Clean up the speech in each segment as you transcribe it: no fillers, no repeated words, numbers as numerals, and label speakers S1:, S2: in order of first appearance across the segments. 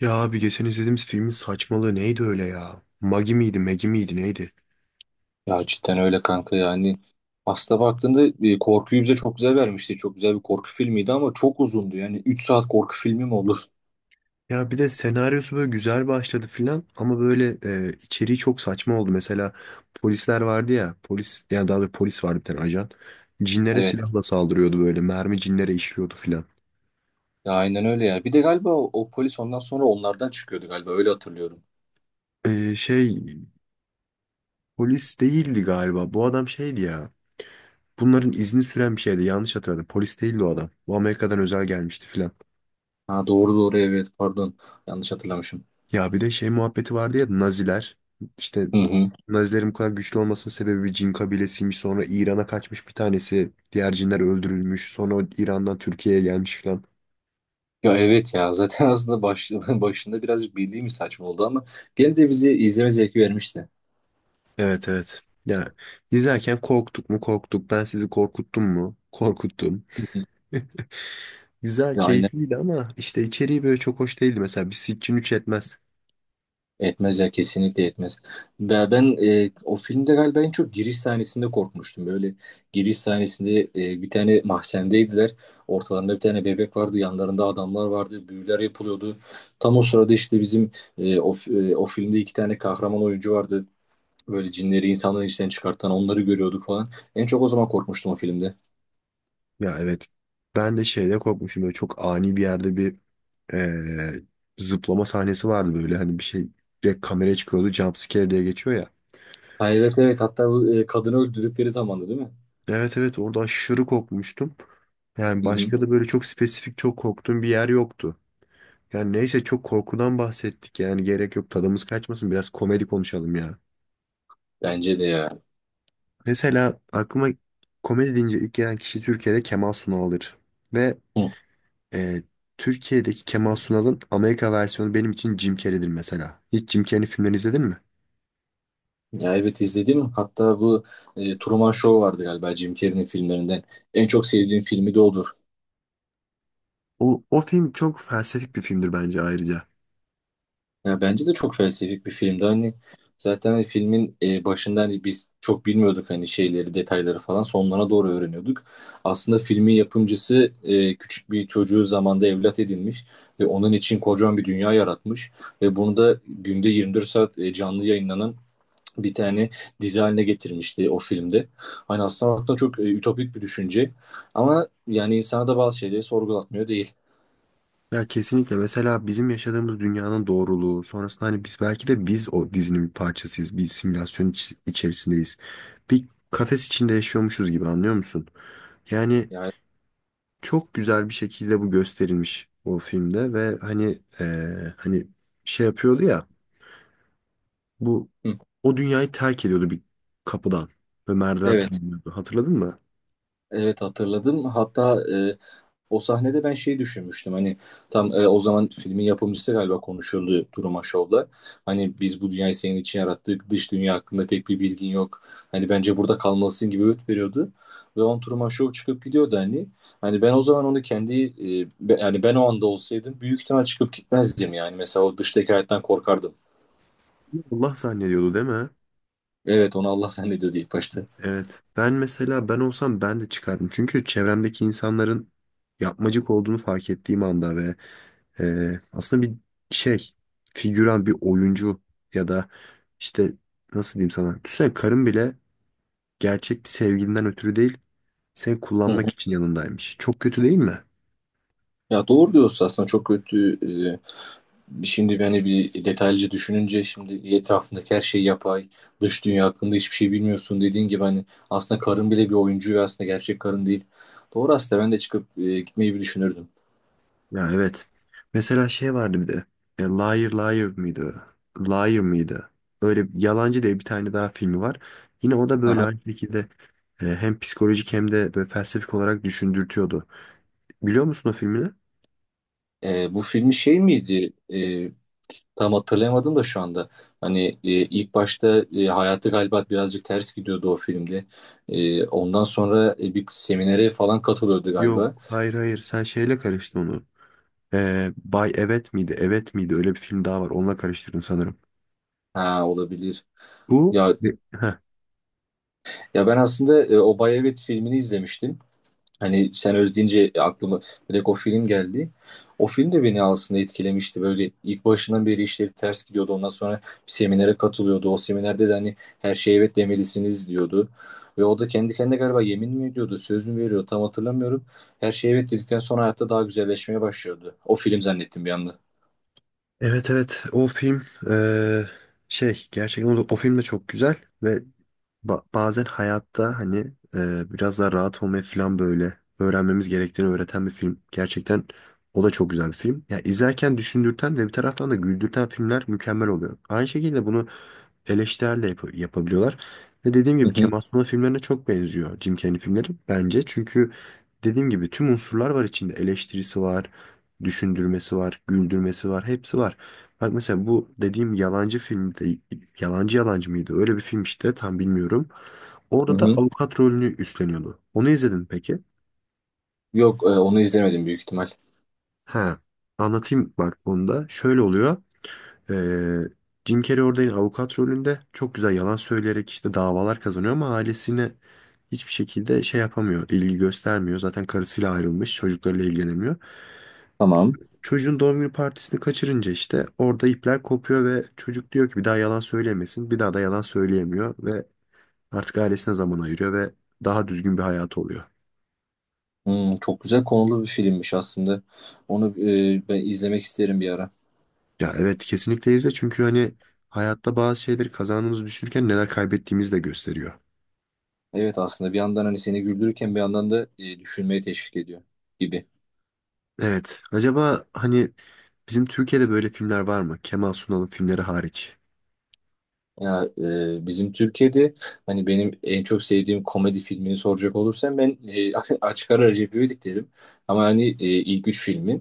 S1: Ya abi geçen izlediğimiz filmin saçmalığı neydi öyle ya? Magi miydi, Megi miydi neydi?
S2: Ya cidden öyle kanka yani. Aslında baktığında korkuyu bize çok güzel vermişti. Çok güzel bir korku filmiydi ama çok uzundu. Yani 3 saat korku filmi mi olur?
S1: Ya bir de senaryosu böyle güzel başladı filan ama böyle içeriği çok saçma oldu. Mesela polisler vardı ya, polis yani daha doğrusu polis vardı bir tane ajan. Cinlere
S2: Evet.
S1: silahla saldırıyordu böyle, mermi cinlere işliyordu filan.
S2: Ya aynen öyle ya. Bir de galiba o polis ondan sonra onlardan çıkıyordu galiba. Öyle hatırlıyorum.
S1: E, şey polis değildi galiba. Bu adam şeydi ya. Bunların izni süren bir şeydi. Yanlış hatırladım. Polis değildi o adam. Bu Amerika'dan özel gelmişti filan.
S2: Ha, doğru doğru, evet, pardon. Yanlış hatırlamışım.
S1: Ya bir de şey muhabbeti vardı ya Naziler işte
S2: Hı hı.
S1: Nazilerin bu kadar güçlü olmasının sebebi bir cin kabilesiymiş, sonra İran'a kaçmış bir tanesi, diğer cinler öldürülmüş, sonra o İran'dan Türkiye'ye gelmiş falan.
S2: Ya evet ya, zaten aslında başında birazcık bildiğimiz saçma oldu ama gene de bizi izleme zevki vermişti.
S1: Evet evet ya, izlerken korktuk mu korktuk, ben sizi korkuttum mu korkuttum.
S2: Hı hı.
S1: Güzel
S2: Ya aynen.
S1: keyifliydi ama işte içeriği böyle çok hoş değildi, mesela bir Sitchin 3 etmez.
S2: Etmez ya, kesinlikle etmez. Ben o filmde galiba en çok giriş sahnesinde korkmuştum. Böyle giriş sahnesinde bir tane mahzendeydiler. Ortalarında bir tane bebek vardı. Yanlarında adamlar vardı. Büyüler yapılıyordu. Tam o sırada işte bizim o filmde 2 tane kahraman oyuncu vardı. Böyle cinleri insanların içinden çıkartan onları görüyorduk falan. En çok o zaman korkmuştum o filmde.
S1: Ya evet, ben de şeyde korkmuşum böyle, çok ani bir yerde bir eee, zıplama sahnesi vardı, böyle hani bir şey direkt kameraya çıkıyordu, jumpscare diye geçiyor ya.
S2: Ha, evet evet, hatta bu kadını öldürdükleri zamandı, değil mi?
S1: Evet evet, orada aşırı korkmuştum. Yani
S2: Hı hı.
S1: başka da böyle çok spesifik çok korktuğum bir yer yoktu. Yani neyse, çok korkudan bahsettik yani, gerek yok, tadımız kaçmasın, biraz komedi konuşalım ya.
S2: Bence de ya.
S1: Mesela aklıma komedi deyince ilk gelen kişi Türkiye'de Kemal Sunal'dır. Ve
S2: Hı.
S1: eee, Türkiye'deki Kemal Sunal'ın Amerika versiyonu benim için Jim Carrey'dir mesela. Hiç Jim Carrey'in filmlerini izledin mi?
S2: Ya evet, izledim. Hatta bu Truman Show vardı galiba, Jim Carrey'nin filmlerinden. En çok sevdiğim filmi de odur.
S1: O, o film çok felsefik bir filmdir bence ayrıca.
S2: Ya bence de çok felsefik bir filmdi. Hani zaten hani filmin başında hani biz çok bilmiyorduk hani şeyleri, detayları falan. Sonlarına doğru öğreniyorduk. Aslında filmin yapımcısı küçük bir çocuğu zamanda evlat edinmiş ve onun için kocaman bir dünya yaratmış ve bunu da günde 24 saat canlı yayınlanan bir tane dizi haline getirmişti o filmde. Hani aslında baktığında çok ütopik bir düşünce ama yani insana da bazı şeyleri sorgulatmıyor değil.
S1: Ya kesinlikle, mesela bizim yaşadığımız dünyanın doğruluğu sonrasında hani biz belki de biz o dizinin bir parçasıyız. Bir simülasyon içerisindeyiz. Bir kafes içinde yaşıyormuşuz gibi, anlıyor musun? Yani
S2: Yani
S1: çok güzel bir şekilde bu gösterilmiş o filmde ve hani hani şey yapıyordu ya bu,
S2: hı,
S1: o dünyayı terk ediyordu bir kapıdan ve merdiven
S2: evet,
S1: tırmanıyordu. Hatırladın mı?
S2: evet hatırladım. Hatta o sahnede ben şey düşünmüştüm hani tam o zaman filmin yapımcısı galiba konuşuyordu Duruma Show'la. Hani biz bu dünyayı senin için yarattık. Dış dünya hakkında pek bir bilgin yok. Hani bence burada kalmalısın gibi öğüt veriyordu. Ve on Truman Show çıkıp gidiyordu hani. Hani ben o zaman onu kendi yani ben o anda olsaydım büyük ihtimal çıkıp gitmezdim yani. Mesela o dıştaki hayattan korkardım.
S1: Allah zannediyordu değil mi?
S2: Evet, onu Allah zannediyordu ilk başta.
S1: Evet. Ben mesela, ben olsam ben de çıkardım. Çünkü çevremdeki insanların yapmacık olduğunu fark ettiğim anda ve aslında bir şey, figüran bir oyuncu ya da işte nasıl diyeyim sana. Düşünsene, karın bile gerçek bir sevgilinden ötürü değil, seni
S2: Hı
S1: kullanmak
S2: hı.
S1: için yanındaymış. Çok kötü değil mi?
S2: Ya doğru diyorsun, aslında çok kötü. e, Şimdi beni bir detaylıca düşününce şimdi etrafındaki her şey yapay, dış dünya hakkında hiçbir şey bilmiyorsun, dediğin gibi hani aslında karın bile bir oyuncu ve aslında gerçek karın değil. Doğru, aslında ben de çıkıp gitmeyi bir düşünürdüm.
S1: Ya evet. Mesela şey vardı bir de. Liar Liar mıydı? Liar mıydı? Öyle Yalancı diye bir tane daha filmi var. Yine o da böyle
S2: Aha.
S1: aynı şekilde hem psikolojik hem de böyle felsefik olarak düşündürtüyordu. Biliyor musun o filmini?
S2: Bu filmi şey miydi? Tam hatırlayamadım da şu anda. Hani ilk başta hayatı galiba birazcık ters gidiyordu o filmde. Ondan sonra bir seminere falan katılıyordu
S1: Yok.
S2: galiba.
S1: Hayır hayır. Sen şeyle karıştın onu. Bay Evet miydi? Evet miydi? Öyle bir film daha var. Onunla karıştırdın sanırım.
S2: Ha, olabilir.
S1: Bu
S2: Ya,
S1: Heh.
S2: ya ben aslında Obay Evet filmini izlemiştim. Hani sen öyle deyince aklıma direkt o film geldi. O film de beni aslında etkilemişti. Böyle ilk başından beri işleri ters gidiyordu. Ondan sonra bir seminere katılıyordu. O seminerde de hani her şeye evet demelisiniz diyordu. Ve o da kendi kendine galiba yemin mi ediyordu, söz mü veriyor, tam hatırlamıyorum. Her şeye evet dedikten sonra hayatta daha güzelleşmeye başlıyordu. O film zannettim bir anda.
S1: Evet evet. O film e, gerçekten o, o film de çok güzel ve bazen hayatta hani biraz daha rahat olmayı falan böyle öğrenmemiz gerektiğini öğreten bir film. Gerçekten o da çok güzel bir film. Ya izlerken düşündürten ve bir taraftan da güldürten filmler mükemmel oluyor. Aynı şekilde bunu eleştirel de yapabiliyorlar. Ve dediğim
S2: Hı
S1: gibi
S2: hı,
S1: Kemal Sunal filmlerine çok benziyor Jim Carrey filmleri bence. Çünkü dediğim gibi tüm unsurlar var içinde. Eleştirisi var, düşündürmesi var, güldürmesi var, hepsi var. Bak mesela bu dediğim yalancı filmde, yalancı yalancı mıydı? Öyle bir film işte, tam bilmiyorum.
S2: hı
S1: Orada da
S2: hı.
S1: avukat rolünü üstleniyordu. Onu izledin mi peki?
S2: Yok, onu izlemedim büyük ihtimal.
S1: Ha, anlatayım bak onu da. Şöyle oluyor. Ee, Jim Carrey orada yine avukat rolünde çok güzel yalan söyleyerek işte davalar kazanıyor ama ailesine hiçbir şekilde şey yapamıyor, ilgi göstermiyor. Zaten karısıyla ayrılmış, çocuklarıyla ilgilenemiyor.
S2: Tamam.
S1: Çocuğun doğum günü partisini kaçırınca işte orada ipler kopuyor ve çocuk diyor ki bir daha yalan söylemesin. Bir daha da yalan söyleyemiyor ve artık ailesine zaman ayırıyor ve daha düzgün bir hayatı oluyor.
S2: Hmm, çok güzel konulu bir filmmiş aslında. Onu ben izlemek isterim bir ara.
S1: Ya evet, kesinlikle izle, çünkü hani hayatta bazı şeyleri kazandığımızı düşünürken neler kaybettiğimizi de gösteriyor.
S2: Evet, aslında bir yandan hani seni güldürürken bir yandan da düşünmeye teşvik ediyor gibi.
S1: Evet, acaba hani bizim Türkiye'de böyle filmler var mı? Kemal Sunal'ın filmleri hariç.
S2: Ya bizim Türkiye'de hani benim en çok sevdiğim komedi filmini soracak olursam ben açık ara Recep İvedik derim. Ama hani ilk 3 filmi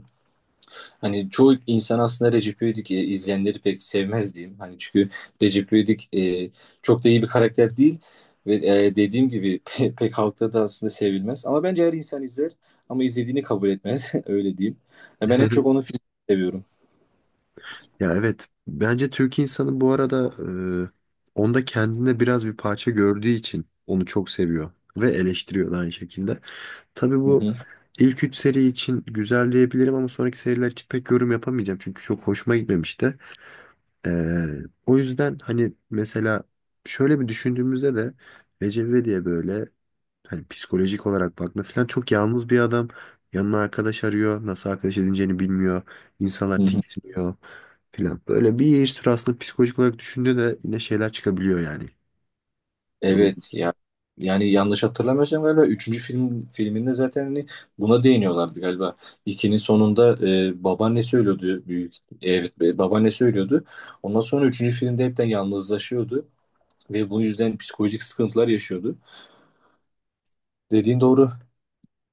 S2: hani çoğu insan aslında Recep İvedik izleyenleri pek sevmez diyeyim. Hani çünkü Recep İvedik çok da iyi bir karakter değil ve dediğim gibi pek halkta da aslında sevilmez. Ama bence her insan izler ama izlediğini kabul etmez öyle diyeyim. Ya ben en çok onun filmini seviyorum.
S1: Ya evet. Bence Türk insanı bu arada e, onda kendinde biraz bir parça gördüğü için onu çok seviyor ve eleştiriyor da aynı şekilde. Tabii
S2: Hı
S1: bu
S2: hı,
S1: ilk 3 seri için güzel diyebilirim ama sonraki seriler için pek yorum yapamayacağım. Çünkü çok hoşuma gitmemişti. Ee, o yüzden hani mesela şöyle bir düşündüğümüzde de Recep İvedik böyle, hani psikolojik olarak baktığında falan, çok yalnız bir adam. Yanına arkadaş arıyor. Nasıl arkadaş edineceğini bilmiyor.
S2: hı
S1: İnsanlar
S2: hı.
S1: tiksiniyor falan. Böyle bir sürü aslında psikolojik olarak düşündüğünde de yine şeyler çıkabiliyor yani durum.
S2: Evet ya, yani yanlış hatırlamıyorsam galiba üçüncü film filminde zaten hani buna değiniyorlardı galiba. İkinin sonunda babaannesi ölüyordu büyük, evet, babaannesi ölüyordu. Ondan sonra üçüncü filmde hepten yalnızlaşıyordu ve bu yüzden psikolojik sıkıntılar yaşıyordu. Dediğin doğru.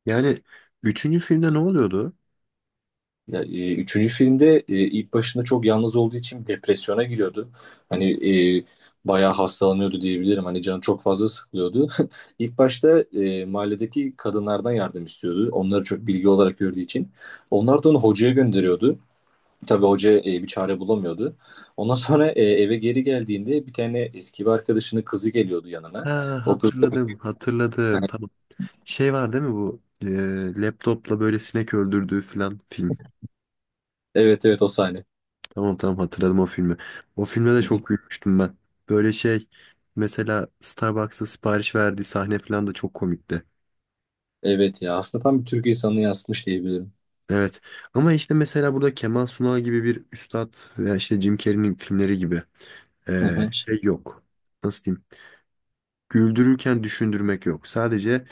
S1: Yani üçüncü filmde ne oluyordu?
S2: Ya, üçüncü filmde ilk başında çok yalnız olduğu için depresyona giriyordu. Hani e, bayağı hastalanıyordu diyebilirim. Hani canı çok fazla sıkılıyordu. İlk başta mahalledeki kadınlardan yardım istiyordu. Onları çok bilgi olarak gördüğü için. Onlar da onu hocaya gönderiyordu. Tabii hoca bir çare bulamıyordu. Ondan sonra eve geri geldiğinde bir tane eski bir arkadaşının kızı geliyordu yanına.
S1: Ha,
S2: O kız,
S1: hatırladım, hatırladım. Tamam. Şey var değil mi bu? Laptopla böyle sinek öldürdüğü falan film.
S2: evet evet, o sahne.
S1: Tamam tamam, hatırladım o filmi. O filme de
S2: Hı hı.
S1: çok gülmüştüm ben. Böyle şey, mesela Starbucks'ta sipariş verdiği sahne falan da çok komikti.
S2: Evet ya, aslında tam bir Türk insanını yansıtmış diyebilirim.
S1: Evet. Ama işte mesela burada Kemal Sunal gibi bir üstad veya işte Jim Carrey'nin filmleri gibi
S2: Hı hı.
S1: şey yok. Nasıl diyeyim? Güldürürken düşündürmek yok. Sadece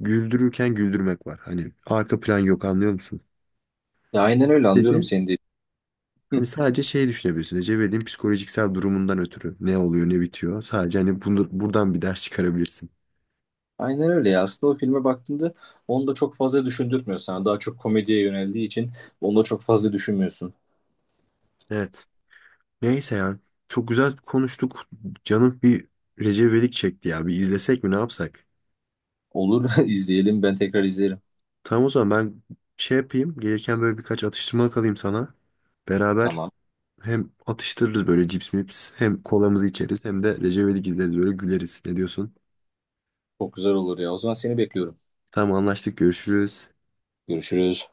S1: güldürürken güldürmek var. Hani arka plan yok, anlıyor musun?
S2: Ya aynen öyle, anlıyorum seni de.
S1: Hani sadece şey düşünebilirsin. Recep İvedik'in psikolojiksel durumundan ötürü ne oluyor ne bitiyor. Sadece hani bunu, buradan bir ders çıkarabilirsin.
S2: Aynen öyle ya. Aslında o filme baktığında onu da çok fazla düşündürtmüyor sana. Daha çok komediye yöneldiği için onu da çok fazla düşünmüyorsun.
S1: Evet. Neyse ya. Çok güzel konuştuk. Canım bir Recep İvedik çekti ya. Bir izlesek mi, ne yapsak?
S2: Olur, izleyelim, ben tekrar izlerim.
S1: Tamam o zaman, ben şey yapayım. Gelirken böyle birkaç atıştırmalık alayım sana. Beraber
S2: Tamam.
S1: hem atıştırırız böyle, cips mips. Hem kolamızı içeriz hem de Recep İvedik izleriz, böyle güleriz. Ne diyorsun?
S2: Çok güzel olur ya. O zaman seni bekliyorum.
S1: Tamam, anlaştık, görüşürüz.
S2: Görüşürüz.